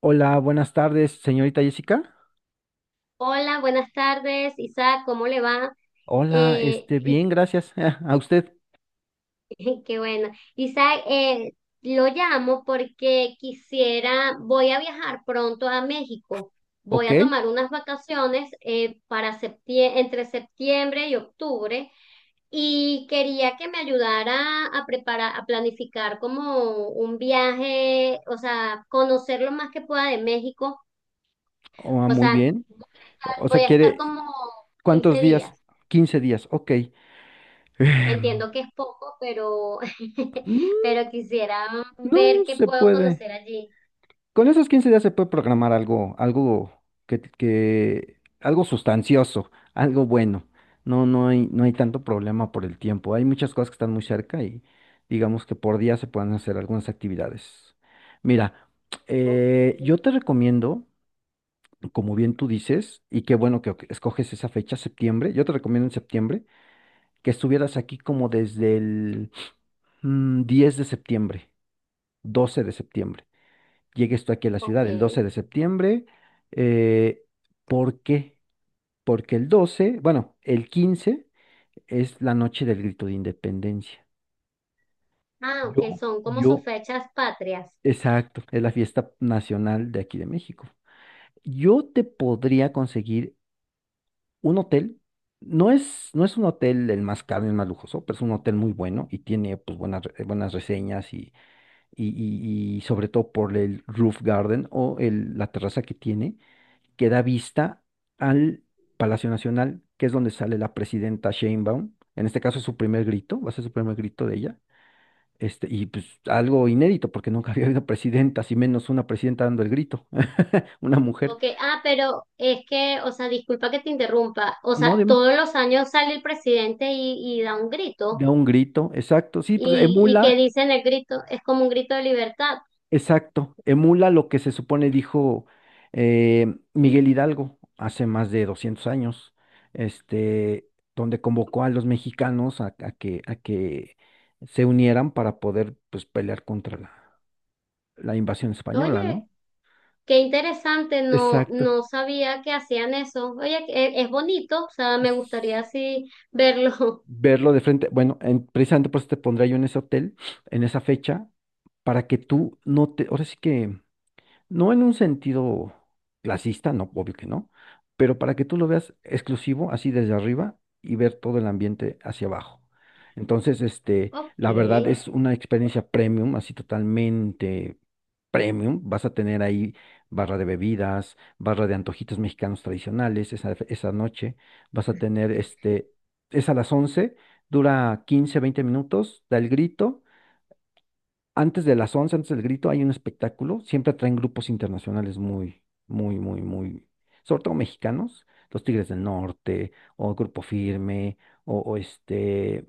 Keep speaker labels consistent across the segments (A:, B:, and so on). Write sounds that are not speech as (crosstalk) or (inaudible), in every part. A: Hola, buenas tardes, señorita Jessica.
B: Hola, buenas tardes, Isaac, ¿cómo le va?
A: Hola,
B: Eh, Is-
A: bien, gracias. (laughs) Ah, a usted.
B: (laughs) ¡Qué bueno! Isaac, lo llamo porque voy a viajar pronto a México, voy
A: Ok.
B: a tomar unas vacaciones para entre septiembre y octubre, y quería que me ayudara a preparar, a planificar como un viaje, o sea, conocer lo más que pueda de México,
A: Ah,
B: o
A: muy
B: sea,
A: bien. O
B: voy
A: sea,
B: a estar
A: quiere,
B: como
A: ¿cuántos
B: 15
A: días?
B: días.
A: 15 días, ok. Em,
B: Entiendo que es poco, pero, (laughs)
A: mm,
B: pero quisiera
A: no
B: ver qué
A: se
B: puedo
A: puede.
B: conocer allí.
A: Con esos 15 días se puede programar algo, algo sustancioso, algo bueno. No hay tanto problema por el tiempo. Hay muchas cosas que están muy cerca y digamos que por día se pueden hacer algunas actividades. Mira,
B: Ok,
A: yo te recomiendo, como bien tú dices, y qué bueno que escoges esa fecha, septiembre. Yo te recomiendo en septiembre que estuvieras aquí como desde el 10 de septiembre, 12 de septiembre. Llegues tú aquí a la
B: ok.
A: ciudad el 12 de septiembre. eh, ¿Por qué? Porque el 12, bueno, el 15 es la noche del grito de independencia.
B: Ah,
A: Yo,
B: ok, son como sus
A: yo,
B: fechas patrias.
A: exacto, es la fiesta nacional de aquí de México. Yo te podría conseguir un hotel. No es un hotel el más caro, el más lujoso, pero es un hotel muy bueno y tiene pues buenas reseñas. Y sobre todo por el roof garden o la terraza que tiene, que da vista al Palacio Nacional, que es donde sale la presidenta Sheinbaum. En este caso, su primer grito, va a ser su primer grito de ella. Y pues algo inédito, porque nunca (laughs) había habido presidentas, y menos una presidenta dando el grito, (laughs) una mujer.
B: Ok, ah, pero es que, o sea, disculpa que te interrumpa. O
A: No,
B: sea,
A: dime,
B: todos los años sale el presidente y da un grito.
A: da un grito, exacto. Sí, pues
B: Y que
A: emula.
B: dicen el grito, es como un grito de libertad.
A: Exacto, emula lo que se supone dijo Miguel Hidalgo hace más de 200 años, este, donde convocó a los mexicanos a que se unieran para poder pues pelear contra la invasión española,
B: Oye,
A: ¿no?
B: qué interesante, no,
A: Exacto.
B: no sabía que hacían eso. Oye, es bonito, o sea, me
A: s-
B: gustaría así verlo.
A: Verlo de frente, bueno, precisamente por eso te pondré yo en ese hotel, en esa fecha, para que tú no te, ahora sí que. No en un sentido clasista, no, obvio que no, pero para que tú lo veas exclusivo, así desde arriba y ver todo el ambiente hacia abajo. Entonces,
B: Ok,
A: la verdad es una experiencia premium, así totalmente premium. Vas a tener ahí barra de bebidas, barra de antojitos mexicanos tradicionales esa noche. Vas a tener, es a las 11, dura 15, 20 minutos, da el grito antes de las 11. Antes del grito, hay un espectáculo. Siempre atraen grupos internacionales muy, muy, muy, muy, sobre todo mexicanos, los Tigres del Norte, o Grupo Firme, o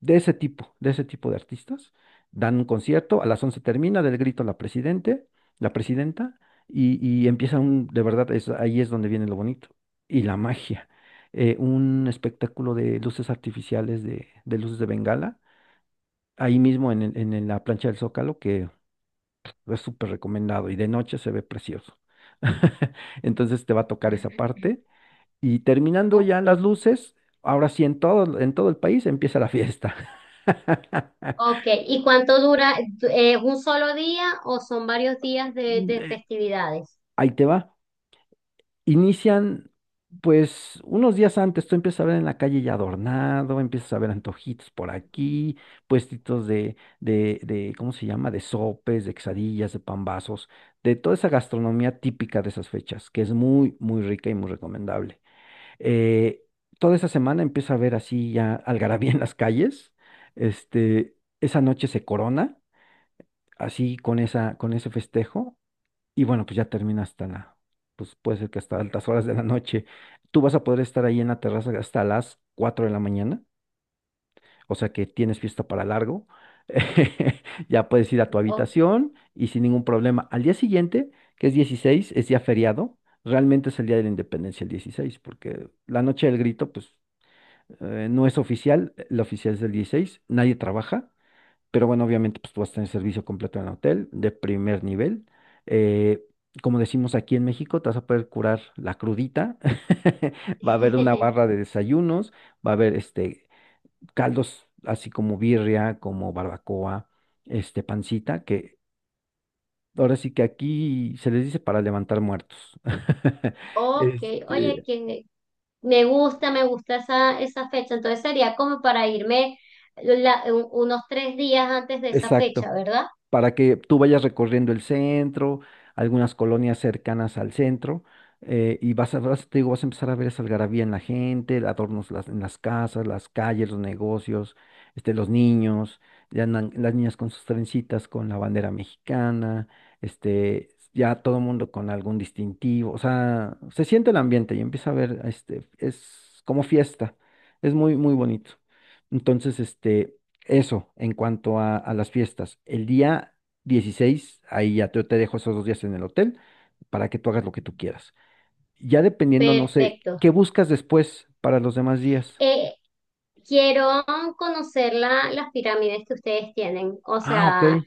A: de ese tipo, de ese tipo de artistas. Dan un concierto, a las 11 termina del grito la presidente, la presidenta, y empieza un, de verdad, es, ahí es donde viene lo bonito. Y la magia. Un espectáculo de luces artificiales, de luces de Bengala ahí mismo en, la plancha del Zócalo, que es súper recomendado y de noche se ve precioso. (laughs) Entonces te va a tocar esa parte. Y terminando ya
B: ok,
A: las luces, ahora sí en todo el país empieza la fiesta. (laughs)
B: ok. ¿Y cuánto dura? ¿Es un solo día o son varios días de
A: Eh,
B: festividades?
A: Ahí te va. Inician, pues, unos días antes, tú empiezas a ver en la calle ya adornado, empiezas a ver antojitos por aquí, puestitos ¿cómo se llama? De sopes, de quesadillas, de pambazos, de toda esa gastronomía típica de esas fechas, que es muy, muy rica y muy recomendable. Eh, Toda esa semana empieza a haber así ya algarabía en las calles. Esa noche se corona, así con con ese festejo. Y bueno, pues ya termina hasta la, pues puede ser que hasta altas horas de la noche. Tú vas a poder estar ahí en la terraza hasta las 4 de la mañana. O sea que tienes fiesta para largo. (laughs) Ya puedes ir a tu
B: Ok.
A: habitación y sin ningún problema. Al día siguiente, que es 16, es día feriado. Realmente es el día de la independencia el 16, porque la noche del grito, pues no es oficial. La oficial es del 16. Nadie trabaja, pero bueno, obviamente pues tú vas a tener servicio completo en el hotel de primer nivel. eh, Como decimos aquí en México, te vas a poder curar la crudita. (laughs) Va a haber una
B: (laughs)
A: barra de desayunos, va a haber caldos así como birria, como barbacoa, pancita, que ahora sí que aquí se les dice para levantar muertos. (laughs)
B: Ok, oye,
A: Este,
B: que me gusta esa, esa fecha. Entonces sería como para irme unos 3 días antes de esa fecha,
A: exacto.
B: ¿verdad?
A: Para que tú vayas recorriendo el centro, algunas colonias cercanas al centro, y te digo, vas a empezar a ver esa algarabía en la gente, adornos en las casas, las calles, los negocios, los niños. Ya andan las niñas con sus trencitas, con la bandera mexicana, ya todo el mundo con algún distintivo, o sea, se siente el ambiente y empieza a ver, es como fiesta, es muy, muy bonito. Entonces, eso, en cuanto a las fiestas. El día 16 ahí ya te dejo esos 2 días en el hotel para que tú hagas lo que tú quieras. Ya dependiendo, no sé,
B: Perfecto.
A: ¿qué buscas después para los demás días?
B: Eh, quiero conocer las pirámides que ustedes tienen. O
A: Ah, ok,
B: sea,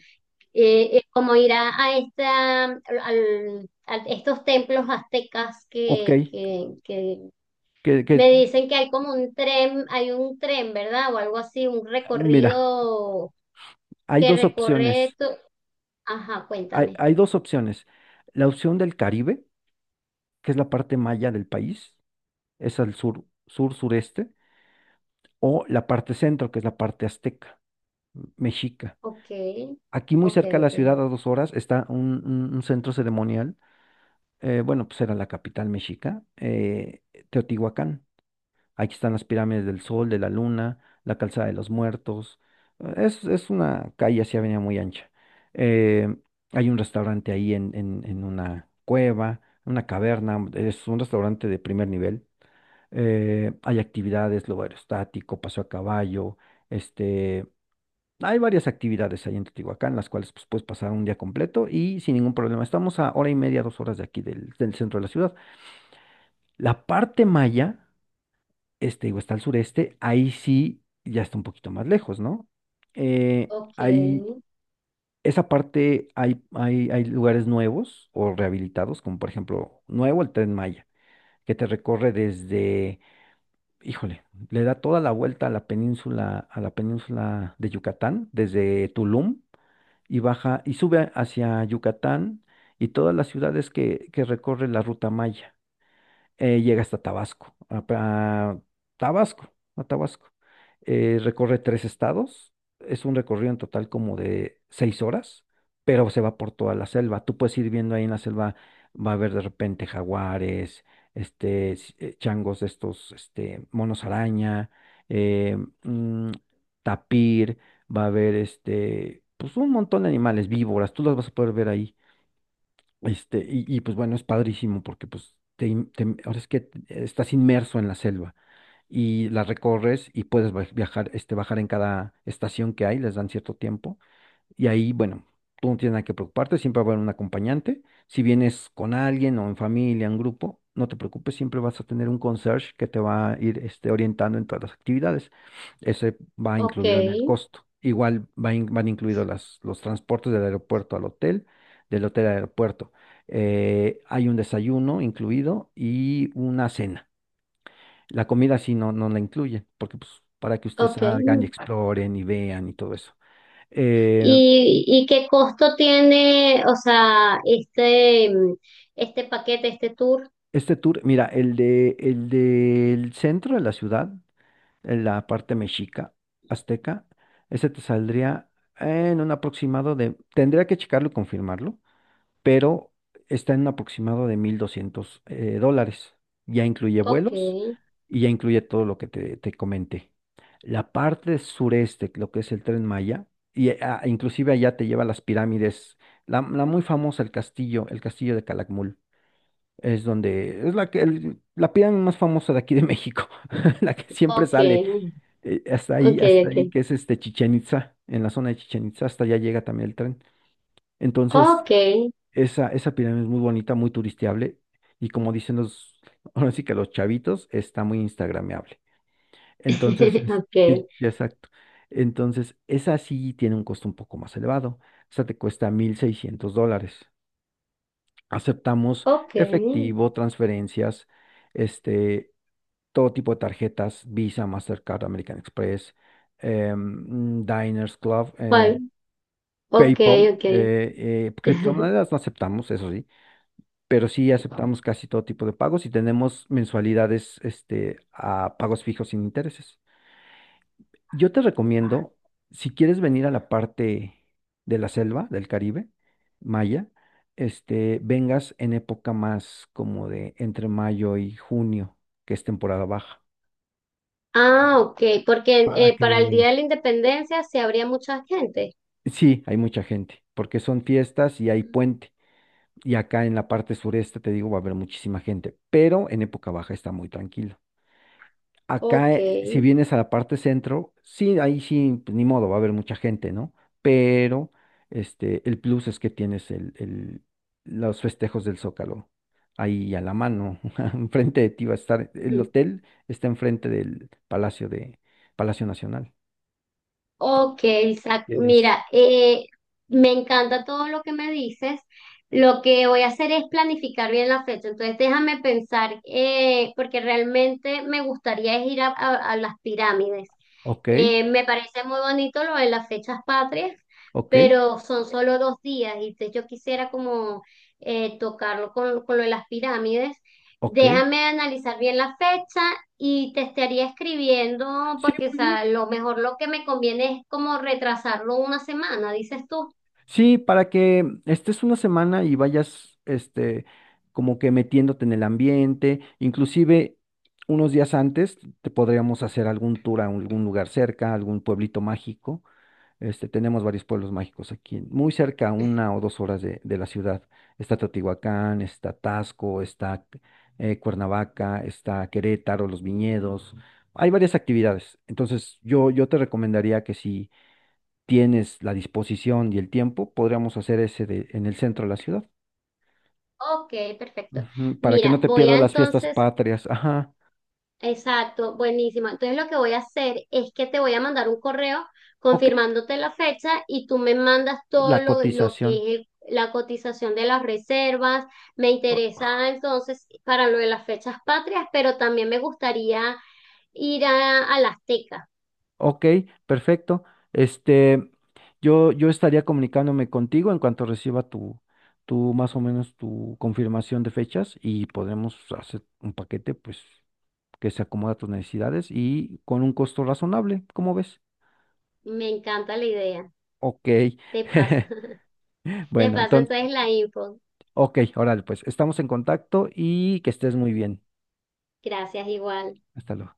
B: como ir a esta, a estos templos aztecas
A: ok.
B: que
A: Que, que,
B: me dicen que hay como un tren, hay un tren, ¿verdad? O algo así, un
A: Mira,
B: recorrido
A: hay
B: que
A: dos opciones.
B: Ajá, cuéntame.
A: Hay dos opciones. La opción del Caribe, que es la parte maya del país, es al sur, sur, sureste, o la parte centro, que es la parte azteca, mexica.
B: Ok,
A: Aquí muy
B: ok,
A: cerca de la
B: ok,
A: ciudad, a 2 horas, está un centro ceremonial. Bueno, pues era la capital mexica, Teotihuacán. Aquí están las pirámides del Sol, de la Luna, la Calzada de los Muertos. Es una calle así, avenida muy ancha. Eh, Hay un restaurante ahí en, en una cueva, una caverna. Es un restaurante de primer nivel. Hay actividades, globo aerostático, paseo a caballo, este. Hay varias actividades ahí en Teotihuacán, las cuales pues, puedes pasar un día completo y sin ningún problema. Estamos a hora y media, 2 horas de aquí del centro de la ciudad. La parte maya, digo, está al sureste. Ahí sí ya está un poquito más lejos, ¿no? Eh,
B: ok,
A: ahí, Esa parte hay lugares nuevos o rehabilitados, como por ejemplo, nuevo el Tren Maya, que te recorre desde, híjole, le da toda la vuelta a la península de Yucatán, desde Tulum y baja y sube hacia Yucatán y todas las ciudades que recorre la ruta maya. Llega hasta Tabasco, a Tabasco, a Tabasco. Recorre tres estados, es un recorrido en total como de 6 horas, pero se va por toda la selva. Tú puedes ir viendo ahí en la selva, va a haber de repente jaguares, changos de estos, monos araña, eh, mm, tapir, va a haber pues un montón de animales, víboras, tú las vas a poder ver ahí. Pues bueno, es padrísimo porque pues ahora es que estás inmerso en la selva y la recorres y puedes viajar, bajar en cada estación que hay, les dan cierto tiempo y ahí, bueno, tú no tienes nada que preocuparte, siempre va a haber un acompañante. Si vienes con alguien o en familia, en grupo, no te preocupes, siempre vas a tener un concierge que te va a ir orientando en todas las actividades. Ese va
B: ok,
A: incluido en el costo. Igual van incluidos los transportes del aeropuerto al hotel, del hotel al aeropuerto. Hay un desayuno incluido y una cena. La comida sí no, no la incluye, porque pues para que ustedes
B: ok.
A: salgan y exploren y vean y todo eso. Eh,
B: Y qué costo tiene, o sea, este paquete, este tour?
A: Este tour, mira, el del centro de la ciudad, en la parte mexica, azteca, ese te saldría en un aproximado de, tendría que checarlo y confirmarlo, pero está en un aproximado de 1.200 dólares. Ya incluye
B: Ok.
A: vuelos y ya incluye todo lo que te comenté. La parte sureste, lo que es el Tren Maya, y inclusive allá te lleva a las pirámides, la muy famosa, el castillo de Calakmul. Es donde es la que la pirámide más famosa de aquí de México. (laughs) La que siempre
B: Ok,
A: sale
B: ok,
A: hasta ahí,
B: ok.
A: que es este Chichén Itzá, en la zona de Chichén Itzá, hasta allá llega también el tren. Entonces,
B: Ok,
A: esa pirámide es muy bonita, muy turisteable, y como dicen los (laughs) ahora sí que los chavitos, está muy instagrameable. Entonces,
B: (laughs) ok,
A: sí, sí, exacto. Entonces, esa sí tiene un costo un poco más elevado. Esa te cuesta 1.600 dólares. Aceptamos
B: ok,
A: efectivo, transferencias, este todo tipo de tarjetas, Visa, Mastercard, American Express, Diners Club,
B: bueno, ok,
A: PayPal,
B: ok. (laughs)
A: criptomonedas no aceptamos, eso sí, pero sí aceptamos casi todo tipo de pagos y tenemos mensualidades a pagos fijos sin intereses. Yo te recomiendo, si quieres venir a la parte de la selva del Caribe, Maya, vengas en época más como de entre mayo y junio, que es temporada baja.
B: Ah, ok, porque
A: Para
B: para el
A: que
B: Día de la Independencia se habría mucha gente.
A: sí, hay mucha gente, porque son fiestas y hay puente. Y acá en la parte sureste, te digo, va a haber muchísima gente, pero en época baja está muy tranquilo. Acá,
B: Ok.
A: si vienes a la parte centro, sí, ahí sí, pues, ni modo, va a haber mucha gente, ¿no? Pero el plus es que tienes los festejos del Zócalo ahí a la mano. (laughs) Enfrente de ti va a estar, el hotel está enfrente del Palacio de Palacio Nacional.
B: Ok, Isaac,
A: Tienes.
B: mira, me encanta todo lo que me dices. Lo que voy a hacer es planificar bien la fecha. Entonces, déjame pensar, porque realmente me gustaría es ir a, a las pirámides.
A: Ok,
B: Me parece muy bonito lo de las fechas patrias,
A: ok,
B: pero son solo 2 días. Y entonces yo quisiera como tocarlo con lo de las pirámides.
A: ok.
B: Déjame analizar bien la fecha y te estaría escribiendo
A: Sí,
B: porque, o
A: muy bien.
B: sea, lo mejor, lo que me conviene es como retrasarlo una semana, dices tú.
A: Sí, para que estés una semana y vayas, como que metiéndote en el ambiente, inclusive unos días antes te podríamos hacer algún tour a algún lugar cerca, algún pueblito mágico. Tenemos varios pueblos mágicos aquí, muy cerca, 1 o 2 horas de la ciudad. Está Teotihuacán, está Taxco, está Cuernavaca, está Querétaro, Los Viñedos. Hay varias actividades. Entonces, yo te recomendaría que sí tienes la disposición y el tiempo, podríamos hacer ese de, en el centro de la ciudad.
B: Ok, perfecto.
A: Ujú, para que
B: Mira,
A: no te
B: voy
A: pierdas
B: a
A: las fiestas
B: entonces,
A: patrias. Ajá,
B: exacto, buenísimo. Entonces lo que voy a hacer es que te voy a mandar un correo
A: ok,
B: confirmándote la fecha y tú me mandas todo
A: la
B: lo que
A: cotización.
B: es la cotización de las reservas. Me
A: o-
B: interesa entonces para lo de las fechas patrias, pero también me gustaría ir a la Azteca.
A: Ok, perfecto. Este, yo estaría comunicándome contigo en cuanto reciba tu, más o menos tu confirmación de fechas, y podremos hacer un paquete, pues, que se acomoda a tus necesidades y con un costo razonable, ¿cómo ves?
B: Me encanta la idea.
A: Ok,
B: Te paso.
A: (laughs)
B: Te
A: bueno,
B: paso
A: entonces.
B: entonces la info.
A: Ok, órale, pues estamos en contacto y que estés muy bien.
B: Gracias igual.
A: Hasta luego.